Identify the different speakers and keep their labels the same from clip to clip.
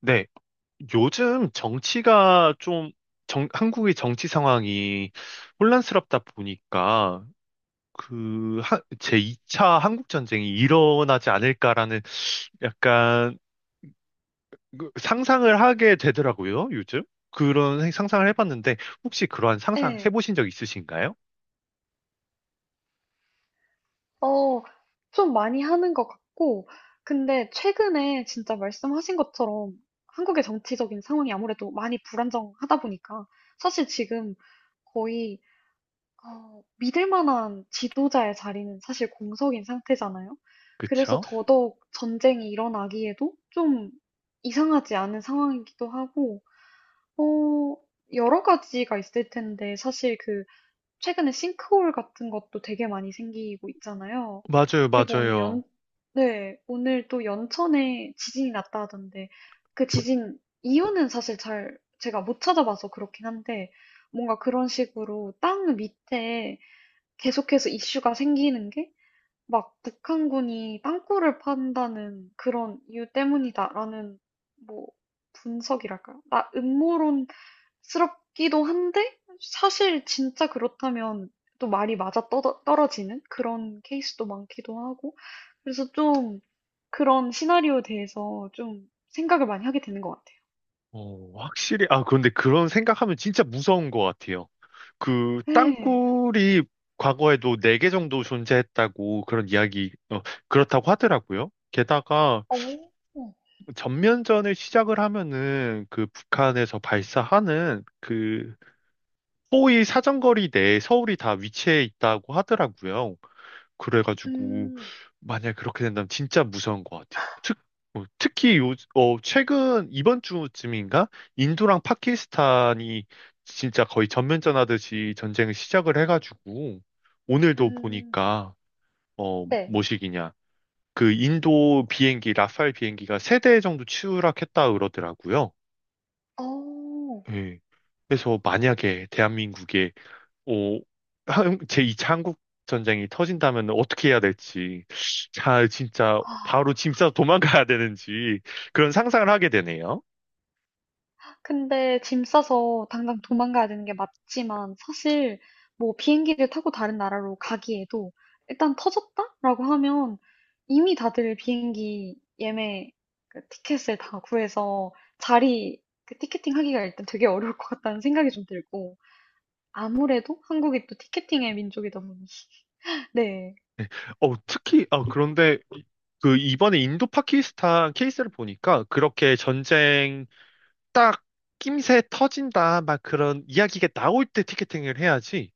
Speaker 1: 네, 요즘 정치가 좀, 한국의 정치 상황이 혼란스럽다 보니까, 제2차 한국전쟁이 일어나지 않을까라는 약간 그 상상을 하게 되더라고요, 요즘. 상상을 해봤는데, 혹시 그러한 상상
Speaker 2: 예.
Speaker 1: 해보신 적 있으신가요?
Speaker 2: 어 좀 많이 하는 것 같고. 근데 최근에 진짜 말씀하신 것처럼 한국의 정치적인 상황이 아무래도 많이 불안정하다 보니까 사실 지금 거의 믿을 만한 지도자의 자리는 사실 공석인 상태잖아요. 그래서
Speaker 1: 그쵸?
Speaker 2: 더더욱 전쟁이 일어나기에도 좀 이상하지 않은 상황이기도 하고, 어 여러 가지가 있을 텐데, 사실 그 최근에 싱크홀 같은 것도 되게 많이 생기고 있잖아요.
Speaker 1: 맞아요,
Speaker 2: 그리고
Speaker 1: 맞아요.
Speaker 2: 네, 오늘 또 연천에 지진이 났다 하던데, 그 지진 이유는 사실 잘 제가 못 찾아봐서 그렇긴 한데, 뭔가 그런 식으로 땅 밑에 계속해서 이슈가 생기는 게, 막 북한군이 땅굴을 판다는 그런 이유 때문이다라는, 뭐, 분석이랄까요? 나 음모론 스럽기도 한데, 사실 진짜 그렇다면 또 말이 맞아 떨어지는 그런 케이스도 많기도 하고. 그래서 좀 그런 시나리오에 대해서 좀 생각을 많이 하게 되는 것 같아요.
Speaker 1: 어, 확실히, 아, 그런데 그런 생각하면 진짜 무서운 것 같아요. 그,
Speaker 2: 네.
Speaker 1: 땅굴이 과거에도 4개 정도 존재했다고 그런 이야기, 어, 그렇다고 하더라고요. 게다가
Speaker 2: 어,
Speaker 1: 전면전을 시작을 하면은 그 북한에서 발사하는 그 포의 사정거리 내에 서울이 다 위치해 있다고 하더라고요. 그래가지고
Speaker 2: 음,
Speaker 1: 만약에 그렇게 된다면 진짜 무서운 것 같아요. 특히 최근 이번 주쯤인가 인도랑 파키스탄이 진짜 거의 전면전하듯이 전쟁을 시작을 해가지고 오늘도
Speaker 2: 음,
Speaker 1: 보니까
Speaker 2: 네.
Speaker 1: 뭐시기냐 그 인도 비행기 라팔 비행기가 세 대 정도 추락했다 그러더라고요.
Speaker 2: 어,
Speaker 1: 예. 그래서 만약에 대한민국에 오, 제이 차 한국 전쟁이 터진다면 어떻게 해야 될지, 자, 진짜
Speaker 2: 아,
Speaker 1: 바로 짐 싸서 도망가야 되는지 그런 상상을 하게 되네요.
Speaker 2: 근데 짐 싸서 당장 도망가야 되는 게 맞지만, 사실 뭐 비행기를 타고 다른 나라로 가기에도, 일단 터졌다라고 하면 이미 다들 비행기 예매, 그 티켓을 다 구해서 자리, 그 티켓팅 하기가 일단 되게 어려울 것 같다는 생각이 좀 들고. 아무래도 한국이 또 티켓팅의 민족이다 보니. 네.
Speaker 1: 특히 아 그런데 그 이번에 인도 파키스탄 케이스를 보니까 그렇게 전쟁 딱 낌새 터진다 막 그런 이야기가 나올 때 티켓팅을 해야지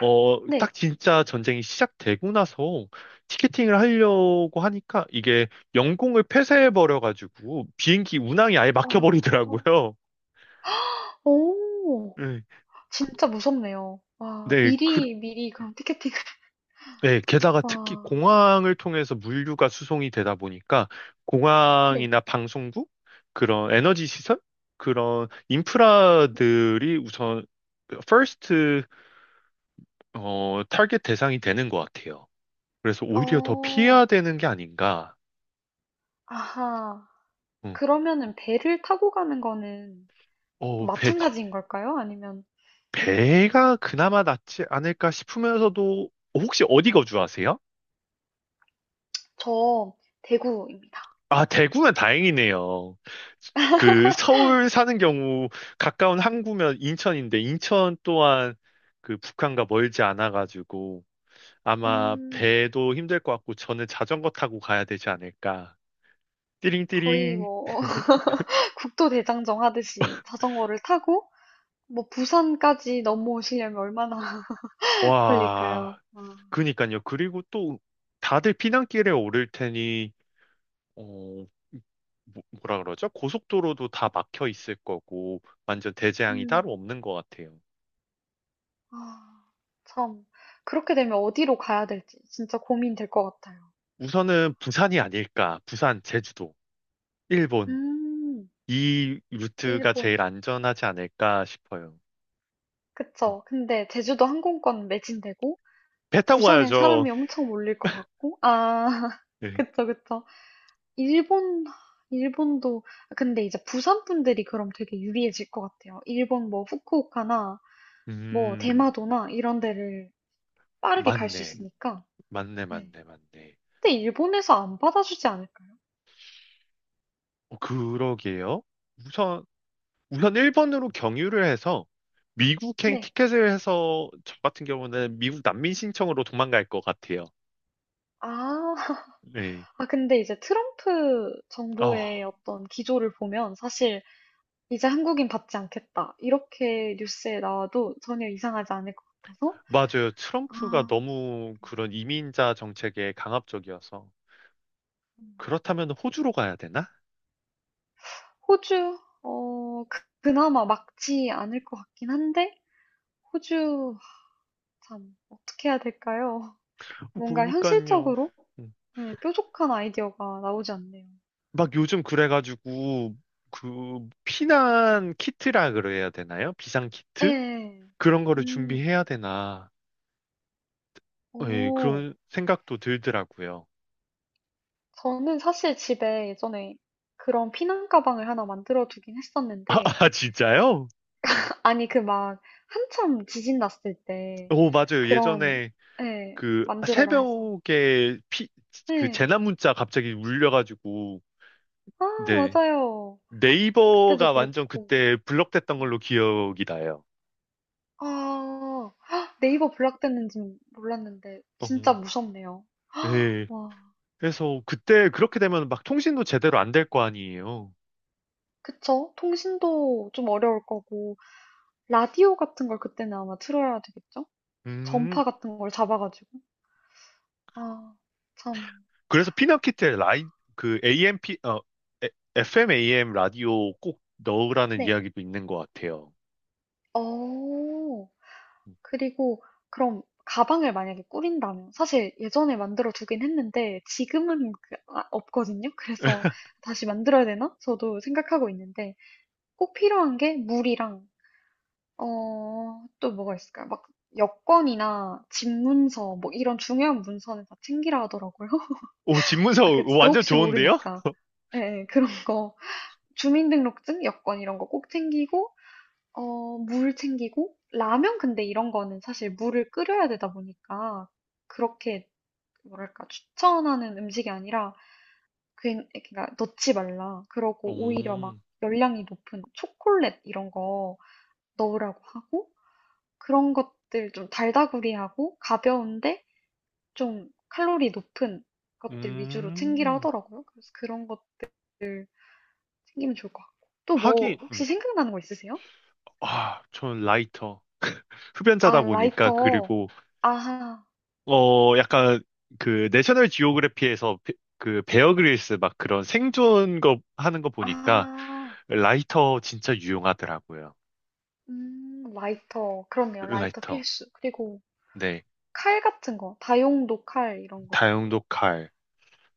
Speaker 1: 어, 딱
Speaker 2: 네.
Speaker 1: 진짜 전쟁이 시작되고 나서 티켓팅을 하려고 하니까 이게 영공을 폐쇄해버려가지고 비행기 운항이 아예
Speaker 2: 어,
Speaker 1: 막혀버리더라고요.
Speaker 2: 오,
Speaker 1: 네,
Speaker 2: 진짜 무섭네요. 와,
Speaker 1: 네, 그,
Speaker 2: 미리 그런 티켓팅.
Speaker 1: 네, 게다가
Speaker 2: 와,
Speaker 1: 특히 공항을 통해서 물류가 수송이 되다 보니까
Speaker 2: 네.
Speaker 1: 공항이나 방송국, 그런 에너지 시설, 그런
Speaker 2: 음.
Speaker 1: 인프라들이 우선 퍼스트, 어, 타겟 대상이 되는 것 같아요. 그래서 오히려 더
Speaker 2: 어.
Speaker 1: 피해야 되는 게 아닌가.
Speaker 2: 아하.
Speaker 1: 음.
Speaker 2: 그러면은 배를 타고 가는 거는 또
Speaker 1: 어, 배,
Speaker 2: 마찬가지인 걸까요? 아니면.
Speaker 1: 배가 그나마 낫지 않을까 싶으면서도 혹시 어디 거주하세요?
Speaker 2: 저 대구입니다.
Speaker 1: 아, 대구면 다행이네요. 그 서울 사는 경우 가까운 항구면 인천인데 인천 또한 그 북한과 멀지 않아 가지고 아마
Speaker 2: 음.
Speaker 1: 배도 힘들 것 같고 저는 자전거 타고 가야 되지 않을까.
Speaker 2: 거의
Speaker 1: 띠링띠링.
Speaker 2: 뭐, 국도대장정 하듯이 자전거를 타고 뭐 부산까지 넘어오시려면 얼마나
Speaker 1: 와.
Speaker 2: 걸릴까요? 와.
Speaker 1: 그니까요. 그리고 또 다들 피난길에 오를 테니 어, 뭐라 그러죠? 고속도로도 다 막혀 있을 거고, 완전 대재앙이 따로
Speaker 2: 음.
Speaker 1: 없는 것 같아요.
Speaker 2: 아. 참. 그렇게 되면 어디로 가야 될지 진짜 고민될 것 같아요.
Speaker 1: 우선은 부산이 아닐까, 부산, 제주도, 일본.
Speaker 2: 음.
Speaker 1: 이 루트가
Speaker 2: 일본.
Speaker 1: 제일 안전하지 않을까 싶어요.
Speaker 2: 그쵸. 근데 제주도 항공권 매진되고
Speaker 1: 배 타고
Speaker 2: 부산에
Speaker 1: 가야죠.
Speaker 2: 사람이 엄청 몰릴 것 같고. 아.
Speaker 1: 네.
Speaker 2: 그쵸, 그쵸. 일본, 일본도. 아 근데 이제 부산 분들이 그럼 되게 유리해질 것 같아요. 일본 뭐 후쿠오카나 뭐
Speaker 1: 음,
Speaker 2: 대마도나 이런 데를 빠르게 갈 수
Speaker 1: 맞네.
Speaker 2: 있으니까.
Speaker 1: 맞네,
Speaker 2: 네.
Speaker 1: 맞네, 맞네.
Speaker 2: 근데 일본에서 안 받아주지 않을까요?
Speaker 1: 어, 그러게요. 우선, 우선 일본으로 경유를 해서 미국행
Speaker 2: 네.
Speaker 1: 티켓을 해서 저 같은 경우는 미국 난민 신청으로 도망갈 것 같아요.
Speaker 2: 아.
Speaker 1: 네.
Speaker 2: 아 근데 이제 트럼프
Speaker 1: 아,
Speaker 2: 정부의 어떤 기조를 보면 사실 '이제 한국인 받지 않겠다.' 이렇게 뉴스에 나와도 전혀 이상하지 않을 것 같아서.
Speaker 1: 맞아요. 트럼프가
Speaker 2: 아
Speaker 1: 너무
Speaker 2: 네.
Speaker 1: 그런 이민자 정책에 강압적이어서.
Speaker 2: 음.
Speaker 1: 그렇다면 호주로 가야 되나?
Speaker 2: 호주, 어, 그나마 막지 않을 것 같긴 한데, 호주, 참, 어떻게 해야 될까요? 뭔가
Speaker 1: 그러니까요.
Speaker 2: 현실적으로
Speaker 1: 음.
Speaker 2: 네, 뾰족한 아이디어가 나오지 않네요.
Speaker 1: 막 요즘 그래가지고, 그, 피난 키트라 그래야 되나요? 비상 키트?
Speaker 2: 네.
Speaker 1: 그런 거를
Speaker 2: 음,
Speaker 1: 준비해야 되나. 예,
Speaker 2: 오.
Speaker 1: 그런 생각도 들더라고요.
Speaker 2: 저는 사실 집에 예전에 그런 피난 가방을 하나 만들어 두긴 했었는데,
Speaker 1: 아, 진짜요?
Speaker 2: 아니, 그 막, 한참 지진 났을 때,
Speaker 1: 오, 맞아요.
Speaker 2: 그런,
Speaker 1: 예전에
Speaker 2: 예,
Speaker 1: 그
Speaker 2: 만들어라 해서.
Speaker 1: 새벽에 피, 그
Speaker 2: 네.
Speaker 1: 재난 문자 갑자기 울려가지고,
Speaker 2: 아,
Speaker 1: 네.
Speaker 2: 맞아요. 그때도
Speaker 1: 네이버가 완전
Speaker 2: 그렇고.
Speaker 1: 그때 블럭됐던 걸로
Speaker 2: 음.
Speaker 1: 기억이 나요.
Speaker 2: 아, 헉, 네이버 블락됐는지 몰랐는데 진짜
Speaker 1: 어,
Speaker 2: 무섭네요.
Speaker 1: 예.
Speaker 2: 와,
Speaker 1: 그래서 그때 그렇게 되면 막 통신도 제대로 안 될 거 아니에요.
Speaker 2: 그쵸? 통신도 좀 어려울 거고 라디오 같은 걸 그때는 아마 틀어야 되겠죠?
Speaker 1: 음,
Speaker 2: 전파 같은 걸 잡아가지고. 아, 참.
Speaker 1: 그래서 그 AM, 어, 에- FM, AM 라디오 꼭 넣으라는
Speaker 2: 네.
Speaker 1: 이야기도 있는 것 같아요.
Speaker 2: 어, 그리고 그럼 가방을 만약에 꾸린다면 사실 예전에 만들어 두긴 했는데 지금은 아, 없거든요. 그래서 다시 만들어야 되나? 저도 생각하고 있는데 꼭 필요한 게 물이랑, 어, 또 뭐가 있을까요? 막 여권이나 집 문서, 뭐 이런 중요한 문서는 다 챙기라 하더라고요.
Speaker 1: 오,
Speaker 2: 아,
Speaker 1: 집문서
Speaker 2: 그 진짜
Speaker 1: 완전
Speaker 2: 혹시
Speaker 1: 좋은데요?
Speaker 2: 모르니까. 예, 예, 그런 거. 주민등록증, 여권 이런 거 꼭 챙기고, 어, 물 챙기고, 라면 근데 이런 거는 사실 물을 끓여야 되다 보니까 그렇게 뭐랄까 추천하는 음식이 아니라 그냥 그러니까 넣지 말라.
Speaker 1: 오,
Speaker 2: 그러고 오히려 막 열량이 높은 초콜릿 이런 거 넣으라고 하고, 그런 것들 좀 달다구리하고 가벼운데 좀 칼로리 높은 것들 위주로 챙기라
Speaker 1: 음,
Speaker 2: 하더라고요. 그래서 그런 것 챙기면 좋을 것 같고. 또
Speaker 1: 하긴,
Speaker 2: 뭐, 혹시 생각나는 거 있으세요?
Speaker 1: 아, 전 라이터. 흡연자다
Speaker 2: 아,
Speaker 1: 보니까,
Speaker 2: 라이터.
Speaker 1: 그리고
Speaker 2: 아하,
Speaker 1: 어, 약간 그 내셔널 지오그래피에서 그 베어 그릴스 막 그런 생존 거 하는 거 보니까
Speaker 2: 아,
Speaker 1: 라이터 진짜 유용하더라고요.
Speaker 2: 라이터. 그렇네요. 라이터
Speaker 1: 라이터.
Speaker 2: 필수. 그리고
Speaker 1: 네.
Speaker 2: 칼 같은 거, 다용도 칼 이런 것도
Speaker 1: 다용도 칼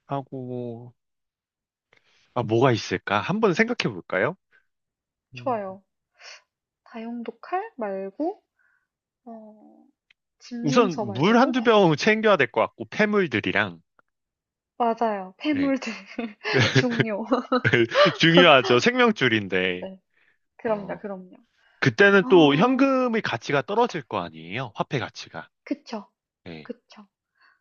Speaker 1: 하고 아 뭐가 있을까? 한번 생각해 볼까요? 음,
Speaker 2: 좋아요. 다용도 칼 말고, 어, 집문서
Speaker 1: 우선 물
Speaker 2: 말고.
Speaker 1: 한두 병 챙겨야 될 것 같고 폐물들이랑
Speaker 2: 맞아요.
Speaker 1: 예.
Speaker 2: 폐물들 중요.
Speaker 1: 중요하죠. 생명줄인데.
Speaker 2: 네, 그럼요,
Speaker 1: 어.
Speaker 2: 그럼요.
Speaker 1: 그때는 또
Speaker 2: 어,
Speaker 1: 현금의 가치가 떨어질 거 아니에요? 화폐 가치가.
Speaker 2: 그쵸,
Speaker 1: 예.
Speaker 2: 그쵸.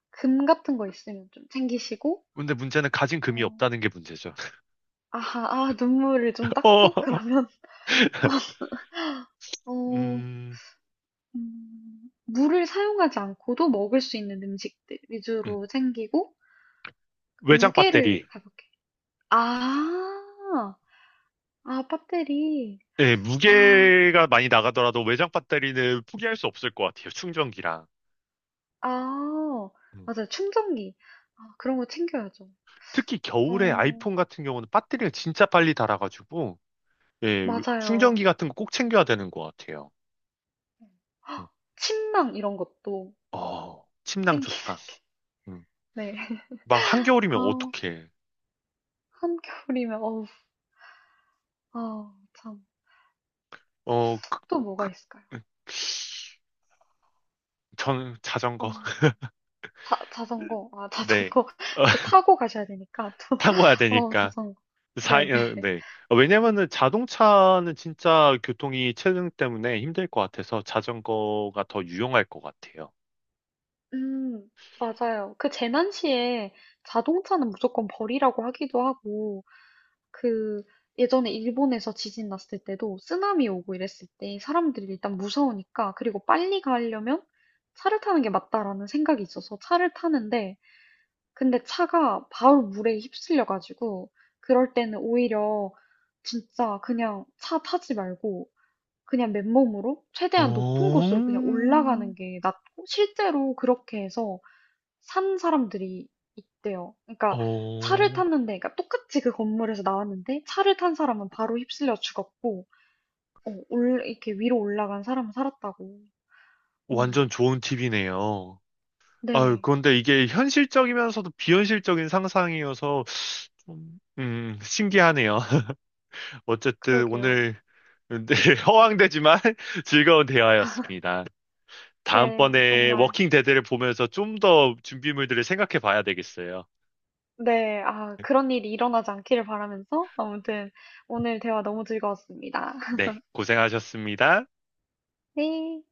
Speaker 2: 금 같은 거 있으면 좀 챙기시고,
Speaker 1: 근데 문제는 가진 금이
Speaker 2: 어,
Speaker 1: 없다는 게 문제죠.
Speaker 2: 아하, 아, 눈물을 좀 닦고,
Speaker 1: 어,
Speaker 2: 그러면, 어,
Speaker 1: 음,
Speaker 2: 물을 사용하지 않고도 먹을 수 있는 음식들
Speaker 1: 음.
Speaker 2: 위주로 챙기고,
Speaker 1: 외장
Speaker 2: 무게를
Speaker 1: 배터리.
Speaker 2: 가볍게. 아, 아, 배터리.
Speaker 1: 예,
Speaker 2: 아,
Speaker 1: 무게가 많이 나가더라도 외장 배터리는 포기할 수 없을 것 같아요. 충전기랑.
Speaker 2: 아,
Speaker 1: 음.
Speaker 2: 맞아요. 충전기. 아, 그런 거 챙겨야죠.
Speaker 1: 특히 겨울에
Speaker 2: 어,
Speaker 1: 아이폰 같은 경우는 배터리가 진짜 빨리 닳아가지고, 예,
Speaker 2: 맞아요.
Speaker 1: 충전기 같은 거 꼭 챙겨야 되는 것 같아요.
Speaker 2: 네.
Speaker 1: 음.
Speaker 2: 헉, 침낭 이런 것도
Speaker 1: 어, 침낭
Speaker 2: 챙기는,
Speaker 1: 좋다. 음.
Speaker 2: 네.
Speaker 1: 막 한겨울이면
Speaker 2: 아,
Speaker 1: 어떡해.
Speaker 2: 한겨울이면 어우 아 참.
Speaker 1: 어, 그-
Speaker 2: 또 뭐가 있을까요?
Speaker 1: 전 자전거.
Speaker 2: 음. 자 자전거. 아
Speaker 1: 네.
Speaker 2: 자전거. 또 타고 가셔야 되니까 또.
Speaker 1: 타고 와야
Speaker 2: 어
Speaker 1: 되니까.
Speaker 2: 자전거. 네네.
Speaker 1: 네. 어, 왜냐면은 자동차는 진짜 교통이 체증 때문에 힘들 것 같아서 자전거가 더 유용할 것 같아요.
Speaker 2: 음 맞아요. 그 재난 시에 자동차는 무조건 버리라고 하기도 하고, 그 예전에 일본에서 지진 났을 때도 쓰나미 오고 이랬을 때, 사람들이 일단 무서우니까 그리고 빨리 가려면 차를 타는 게 맞다라는 생각이 있어서 차를 타는데, 근데 차가 바로 물에 휩쓸려가지고, 그럴 때는 오히려 진짜 그냥 차 타지 말고 그냥 맨몸으로 최대한 높은
Speaker 1: 어,
Speaker 2: 곳으로 그냥 올라가는 게 낫고, 실제로 그렇게 해서 산 사람들이 있대요. 그러니까 차를
Speaker 1: 어,
Speaker 2: 탔는데, 그러니까 똑같이 그 건물에서 나왔는데 차를 탄 사람은 바로 휩쓸려 죽었고, 어, 올, 이렇게 위로 올라간 사람은 살았다고.
Speaker 1: 완전
Speaker 2: 음.
Speaker 1: 좋은 팁이네요. 아유,
Speaker 2: 네,
Speaker 1: 그런데 이게 현실적이면서도 비현실적인 상상이어서 좀, 신기하네요. 어쨌든
Speaker 2: 그러게요.
Speaker 1: 오늘 네, 허황되지만 즐거운 대화였습니다.
Speaker 2: 네,
Speaker 1: 다음번에
Speaker 2: 정말.
Speaker 1: 워킹 데드를 보면서 좀 더 준비물들을 생각해 봐야 되겠어요.
Speaker 2: 네. 아 그런 일이 일어나지 않기를 바라면서, 아무튼 오늘 대화 너무 즐거웠습니다.
Speaker 1: 네, 고생하셨습니다.
Speaker 2: 네.